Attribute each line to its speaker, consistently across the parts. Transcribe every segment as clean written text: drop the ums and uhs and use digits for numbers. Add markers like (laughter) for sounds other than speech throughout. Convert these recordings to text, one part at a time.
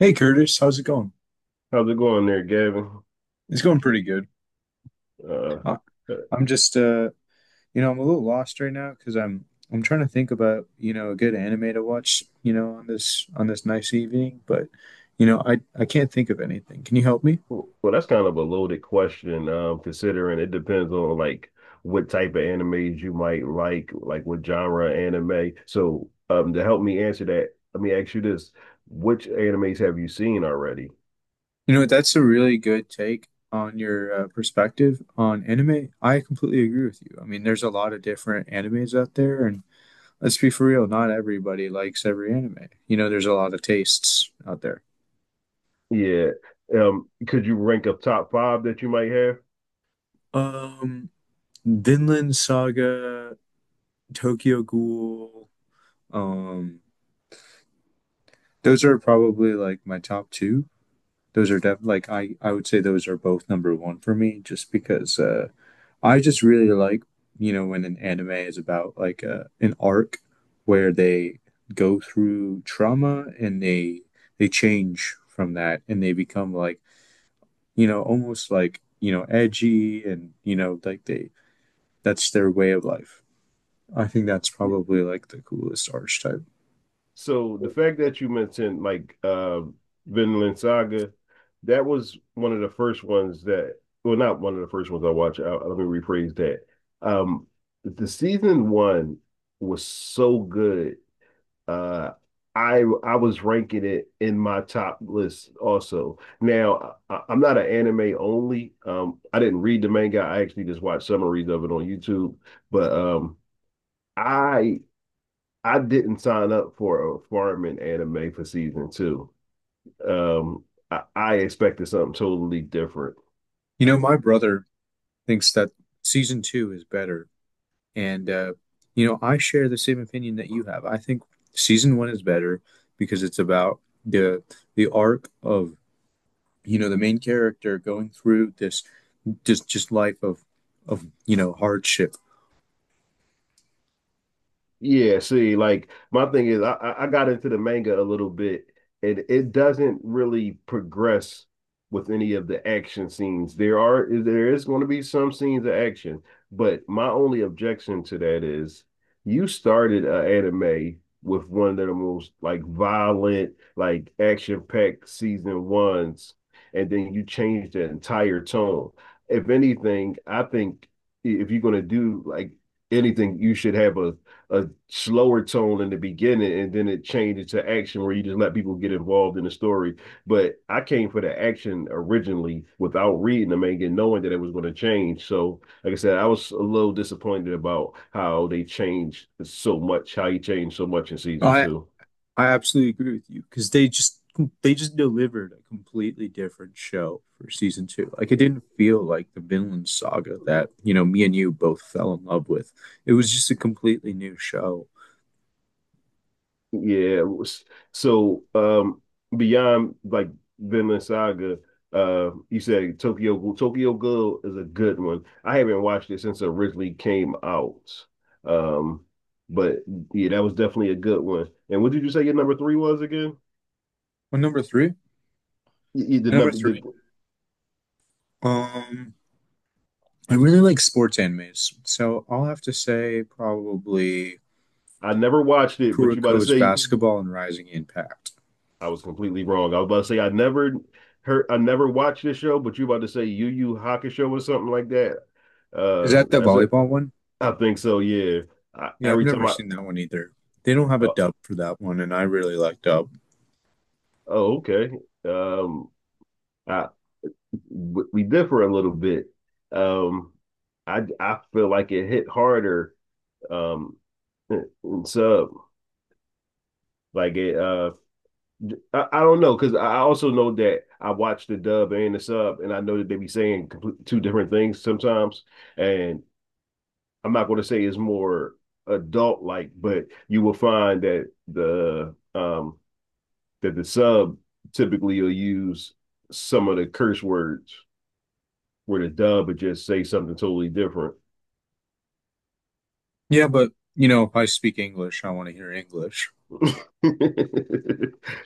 Speaker 1: Hey Curtis, how's it going?
Speaker 2: How's it going there, Gavin?
Speaker 1: It's going pretty good.
Speaker 2: Uh,
Speaker 1: I,
Speaker 2: uh,
Speaker 1: I'm just you know, I'm a little lost right now because I'm trying to think about, you know, a good anime to watch, you know, on this nice evening, but you know, I can't think of anything. Can you help me?
Speaker 2: well, that's kind of a loaded question, considering it depends on like what type of animes you might like what genre anime. So, to help me answer that, let me ask you this: Which animes have you seen already?
Speaker 1: You know, that's a really good take on your perspective on anime. I completely agree with you. I mean, there's a lot of different animes out there, and let's be for real, not everybody likes every anime. You know, there's a lot of tastes out there.
Speaker 2: Yeah. Could you rank a top five that you might have?
Speaker 1: Um, Vinland Saga, Tokyo Ghoul. Um, those are probably like my top two. Those are def like I would say those are both number one for me, just because I just really like you know when an anime is about like an arc where they go through trauma and they change from that and they become like you know, almost like, you know, edgy and, you know, like they, that's their way of life. I think that's probably like the coolest archetype.
Speaker 2: So the fact that you mentioned like Vinland Saga, that was one of the first ones that, well, not one of the first ones I watched. Let me rephrase that. Um the season one was so good. Uh I was ranking it in my top list also. Now I'm not an anime only. I didn't read the manga. I actually just watched summaries of it on YouTube. But I I didn't sign up for a farming anime for season two. Um, I expected something totally different.
Speaker 1: You know, my brother thinks that season two is better. And, you know, I share the same opinion that you have. I think season one is better because it's about the the arc of, you know, the main character going through this just life of, you know, hardship.
Speaker 2: Yeah, see, like my thing is, I got into the manga a little bit, and it doesn't really progress with any of the action scenes. There is going to be some scenes of action, but my only objection to that is you started an anime with one of the most like violent, like action-packed season ones, and then you changed the entire tone. If anything, I think if you're going to do like anything, you should have a slower tone in the beginning and then it changes to action where you just let people get involved in the story. But I came for the action originally without reading the manga and knowing that it was going to change. So, like I said, I was a little disappointed about how they changed so much, how he changed so much in season
Speaker 1: I
Speaker 2: two.
Speaker 1: I absolutely agree with you because they just delivered a completely different show for season two. Like it didn't feel like the Vinland Saga that you know me and you both fell in love with. It was just a completely new show.
Speaker 2: Yeah. So, beyond like Vinland Saga, you said Tokyo Ghoul. Tokyo Ghoul is a good one. I haven't watched it since it originally came out. Um, but yeah, that was definitely a good one. And what did you say your number three was again?
Speaker 1: Well, number three,
Speaker 2: You did
Speaker 1: number
Speaker 2: not.
Speaker 1: three. Um, I really like sports animes, so I'll have to say probably
Speaker 2: I never watched it, but you about to
Speaker 1: Kuroko's
Speaker 2: say
Speaker 1: Basketball and Rising Impact.
Speaker 2: I was completely wrong. I was about to say I never watched this show, but you about to say Yu Yu Hakusho or something like that.
Speaker 1: Is that the
Speaker 2: That's it.
Speaker 1: volleyball one?
Speaker 2: I think so. Yeah. I,
Speaker 1: Yeah, I've
Speaker 2: every time
Speaker 1: never
Speaker 2: I,
Speaker 1: seen that one either. They don't have a
Speaker 2: Oh,
Speaker 1: dub for that one, and I really like dub.
Speaker 2: oh, okay. Um, I we differ a little bit. Um, I feel like it hit harder. Um, in sub like it. I don't know because I also know that I watch the dub and the sub, and I know that they be saying two different things sometimes. And I'm not going to say it's more adult like, but you will find that the sub typically will use some of the curse words where the dub would just say something totally different.
Speaker 1: Yeah, but you know, if I speak English, I want to hear English.
Speaker 2: (laughs)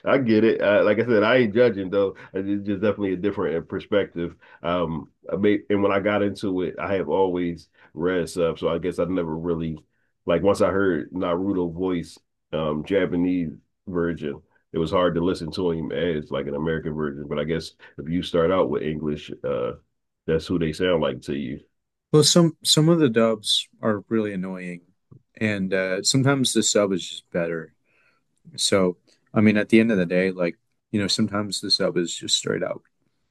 Speaker 2: I get it. Like I said, I ain't judging though. It's just definitely a different perspective. And when I got into it, I have always read stuff, so I guess I never really like once I heard Naruto voice, Japanese version. It was hard to listen to him as like an American version, but I guess if you start out with English, that's who they sound like to you.
Speaker 1: Well, some of the dubs are really annoying, and sometimes the sub is just better. So, I mean, at the end of the day, like you know, sometimes the sub is just straight out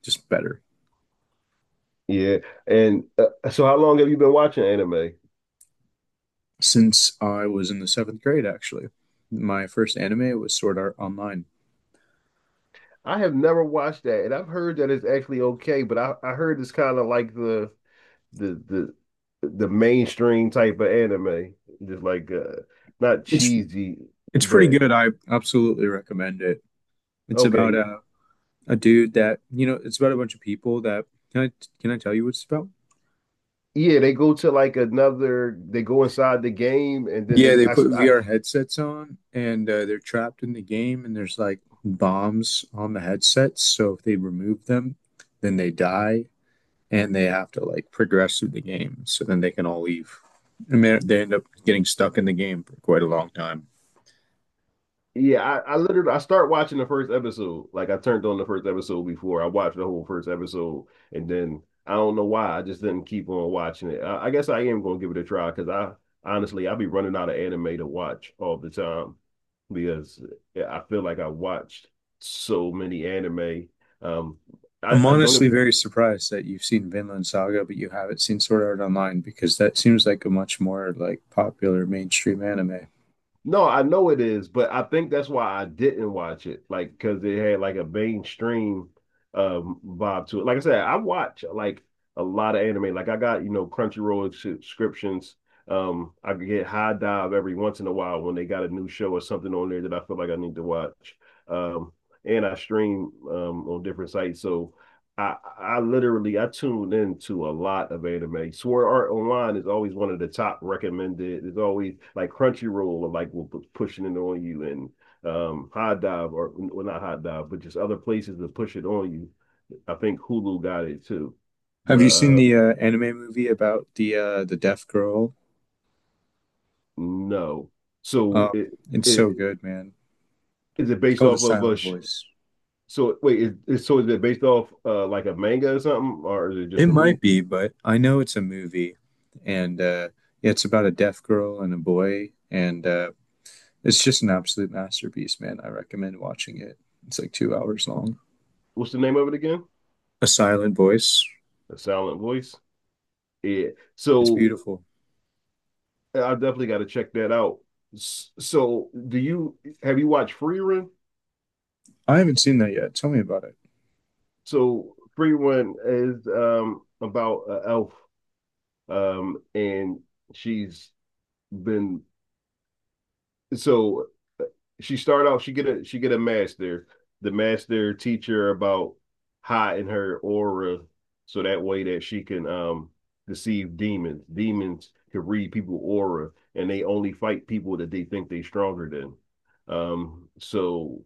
Speaker 1: just better.
Speaker 2: Yeah. And so, how long have you been watching anime?
Speaker 1: Since I was in the seventh grade, actually, my first anime was Sword Art Online.
Speaker 2: I have never watched that, and I've heard that it's actually okay, but I heard it's kind of like the the mainstream type of anime, just like not
Speaker 1: It's
Speaker 2: cheesy,
Speaker 1: it's pretty
Speaker 2: but
Speaker 1: good. I absolutely recommend it. It's about
Speaker 2: okay.
Speaker 1: a dude that you know it's about a bunch of people that can I can I tell you what it's about?
Speaker 2: Yeah, they go to like another. They go inside the game, and then
Speaker 1: Yeah,
Speaker 2: they.
Speaker 1: they put
Speaker 2: I
Speaker 1: VR headsets on and they're trapped in the game, and there's like bombs on the headsets. So if they remove them, then they die and they have to like progress through the game. So then they can all leave. And they end up getting stuck in the game for quite a long time.
Speaker 2: Yeah, I literally I start watching the first episode. Like I turned on the first episode before I watched the whole first episode, and then I don't know why I just didn't keep on watching it. I guess I am gonna give it a try because I honestly I be running out of anime to watch all the time because yeah, I feel like I watched so many anime. Um,
Speaker 1: I'm
Speaker 2: I don't
Speaker 1: honestly very surprised that you've seen Vinland Saga, but you haven't seen Sword Art Online because that seems like a much more like popular mainstream anime.
Speaker 2: No, I know it is, but I think that's why I didn't watch it. Like, because it had like a mainstream vibe to it. Like I said, I watch like a lot of anime. Like I got Crunchyroll subscriptions. I could get High Dive every once in a while when they got a new show or something on there that I feel like I need to watch. Um, and I stream on different sites. So I tuned into a lot of anime. Sword Art Online is always one of the top recommended. It's always like Crunchyroll or like will pushing it on you, and Hot Dive or, well, not Hot Dive, but just other places to push it on you. I think Hulu got it too,
Speaker 1: Have you
Speaker 2: but
Speaker 1: seen the anime movie about the deaf girl?
Speaker 2: no. So
Speaker 1: Uh,
Speaker 2: it
Speaker 1: it's so
Speaker 2: it
Speaker 1: good, man.
Speaker 2: is it
Speaker 1: It's
Speaker 2: based
Speaker 1: called The
Speaker 2: off of a
Speaker 1: Silent
Speaker 2: sh
Speaker 1: Voice.
Speaker 2: so wait, is it based off like a manga or something, or is it
Speaker 1: It
Speaker 2: just a movie?
Speaker 1: might be, but I know it's a movie, and yeah, it's about a deaf girl and a boy, and it's just an absolute masterpiece, man. I recommend watching it. It's like 2 hours long.
Speaker 2: What's the name of it again?
Speaker 1: A Silent Voice.
Speaker 2: A Silent Voice. Yeah.
Speaker 1: It's
Speaker 2: So
Speaker 1: beautiful.
Speaker 2: I definitely got to check that out. So, do you have you watched Free Run?
Speaker 1: I haven't seen that yet. Tell me about it.
Speaker 2: So, Free Run is about an elf, and she's been so, uh, she started out, she get a master, the master teacher about hiding her aura, so that way that she can deceive demons. Demons can read people aura, and they only fight people that they think they are stronger than. So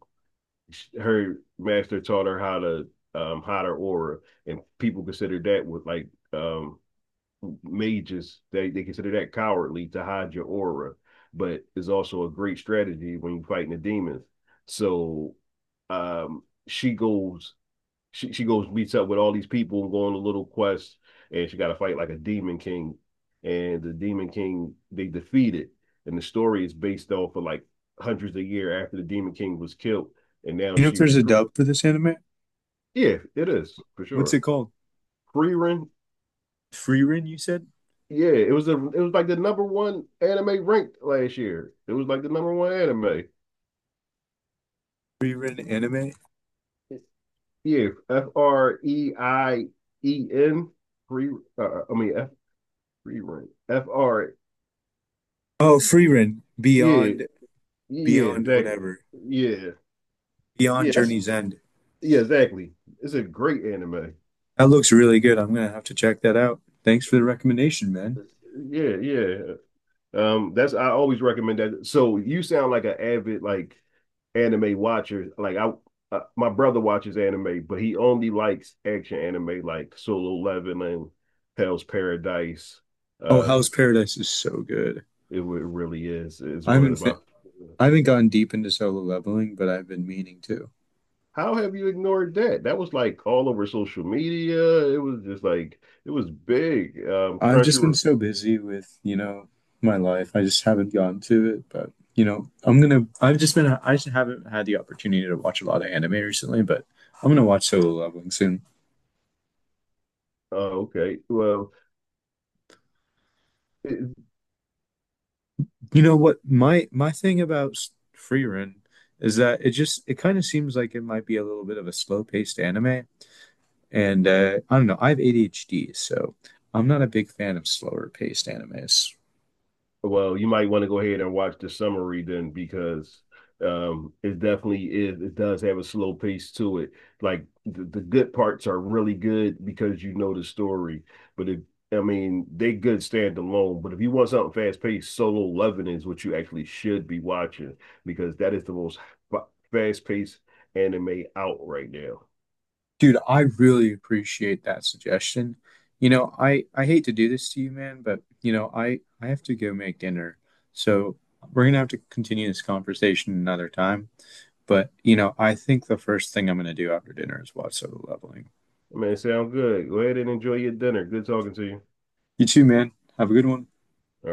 Speaker 2: her master taught her how to, hide her aura, and people consider that with like, um, mages, they consider that cowardly to hide your aura, but it's also a great strategy when you're fighting the demons. So, she goes, meets up with all these people and go on a little quest, and she got to fight like a demon king, and the demon king they defeat it, and the story is based off of like hundreds of year after the demon king was killed, and now
Speaker 1: You know if
Speaker 2: she
Speaker 1: there's a
Speaker 2: recruit.
Speaker 1: dub for this anime?
Speaker 2: Yeah, it is for
Speaker 1: What's it
Speaker 2: sure.
Speaker 1: called?
Speaker 2: Freerun.
Speaker 1: Free Rin, you said?
Speaker 2: Yeah, it was like the number one anime ranked last year. It was like the number one anime.
Speaker 1: Free Rin anime?
Speaker 2: Yeah, Freien, free. I mean F, free, F R.
Speaker 1: Oh, Free Rin.
Speaker 2: Yeah,
Speaker 1: Beyond
Speaker 2: yeah,
Speaker 1: Beyond
Speaker 2: exactly.
Speaker 1: whatever,
Speaker 2: Yeah,
Speaker 1: Beyond
Speaker 2: yeah, that's
Speaker 1: Journey's End.
Speaker 2: yeah, exactly. It's a great anime.
Speaker 1: That looks really good. I'm gonna have to check that out. Thanks for the recommendation, man.
Speaker 2: Yeah, yeah. That's I always recommend that. So you sound like an avid like anime watcher. My brother watches anime, but he only likes action anime like Solo Leveling, Hell's Paradise.
Speaker 1: Oh,
Speaker 2: Um,
Speaker 1: Hell's Paradise is so good.
Speaker 2: it, really is. It's
Speaker 1: I
Speaker 2: one
Speaker 1: haven't
Speaker 2: of my
Speaker 1: fin- I haven't gone deep into solo leveling, but I've been meaning to.
Speaker 2: How have you ignored that? That was like all over social media. It was just like it was big.
Speaker 1: I've
Speaker 2: Crunchy.
Speaker 1: just been so busy with, you know, my life. I just haven't gotten to it, but you know, I'm gonna. I've just been. I just haven't had the opportunity to watch a lot of anime recently, but I'm gonna watch solo leveling soon.
Speaker 2: Okay. It,
Speaker 1: You know what my thing about Free Run is that it just it kind of seems like it might be a little bit of a slow-paced anime. And I don't know, I have ADHD, so I'm not a big fan of slower paced animes.
Speaker 2: Well, you might want to go ahead and watch the summary then because it definitely is it does have a slow pace to it. Like the good parts are really good because you know the story. But if I mean they good stand alone, but if you want something fast paced, Solo Leveling is what you actually should be watching because that is the most fast paced anime out right now.
Speaker 1: Dude, I really appreciate that suggestion. You know, I hate to do this to you, man, but you know, I have to go make dinner. So we're gonna have to continue this conversation another time. But you know, I think the first thing I'm gonna do after dinner is watch Solo Leveling.
Speaker 2: Man, sound good. Go ahead and enjoy your dinner. Good talking to you.
Speaker 1: You too, man. Have a good one.
Speaker 2: All right.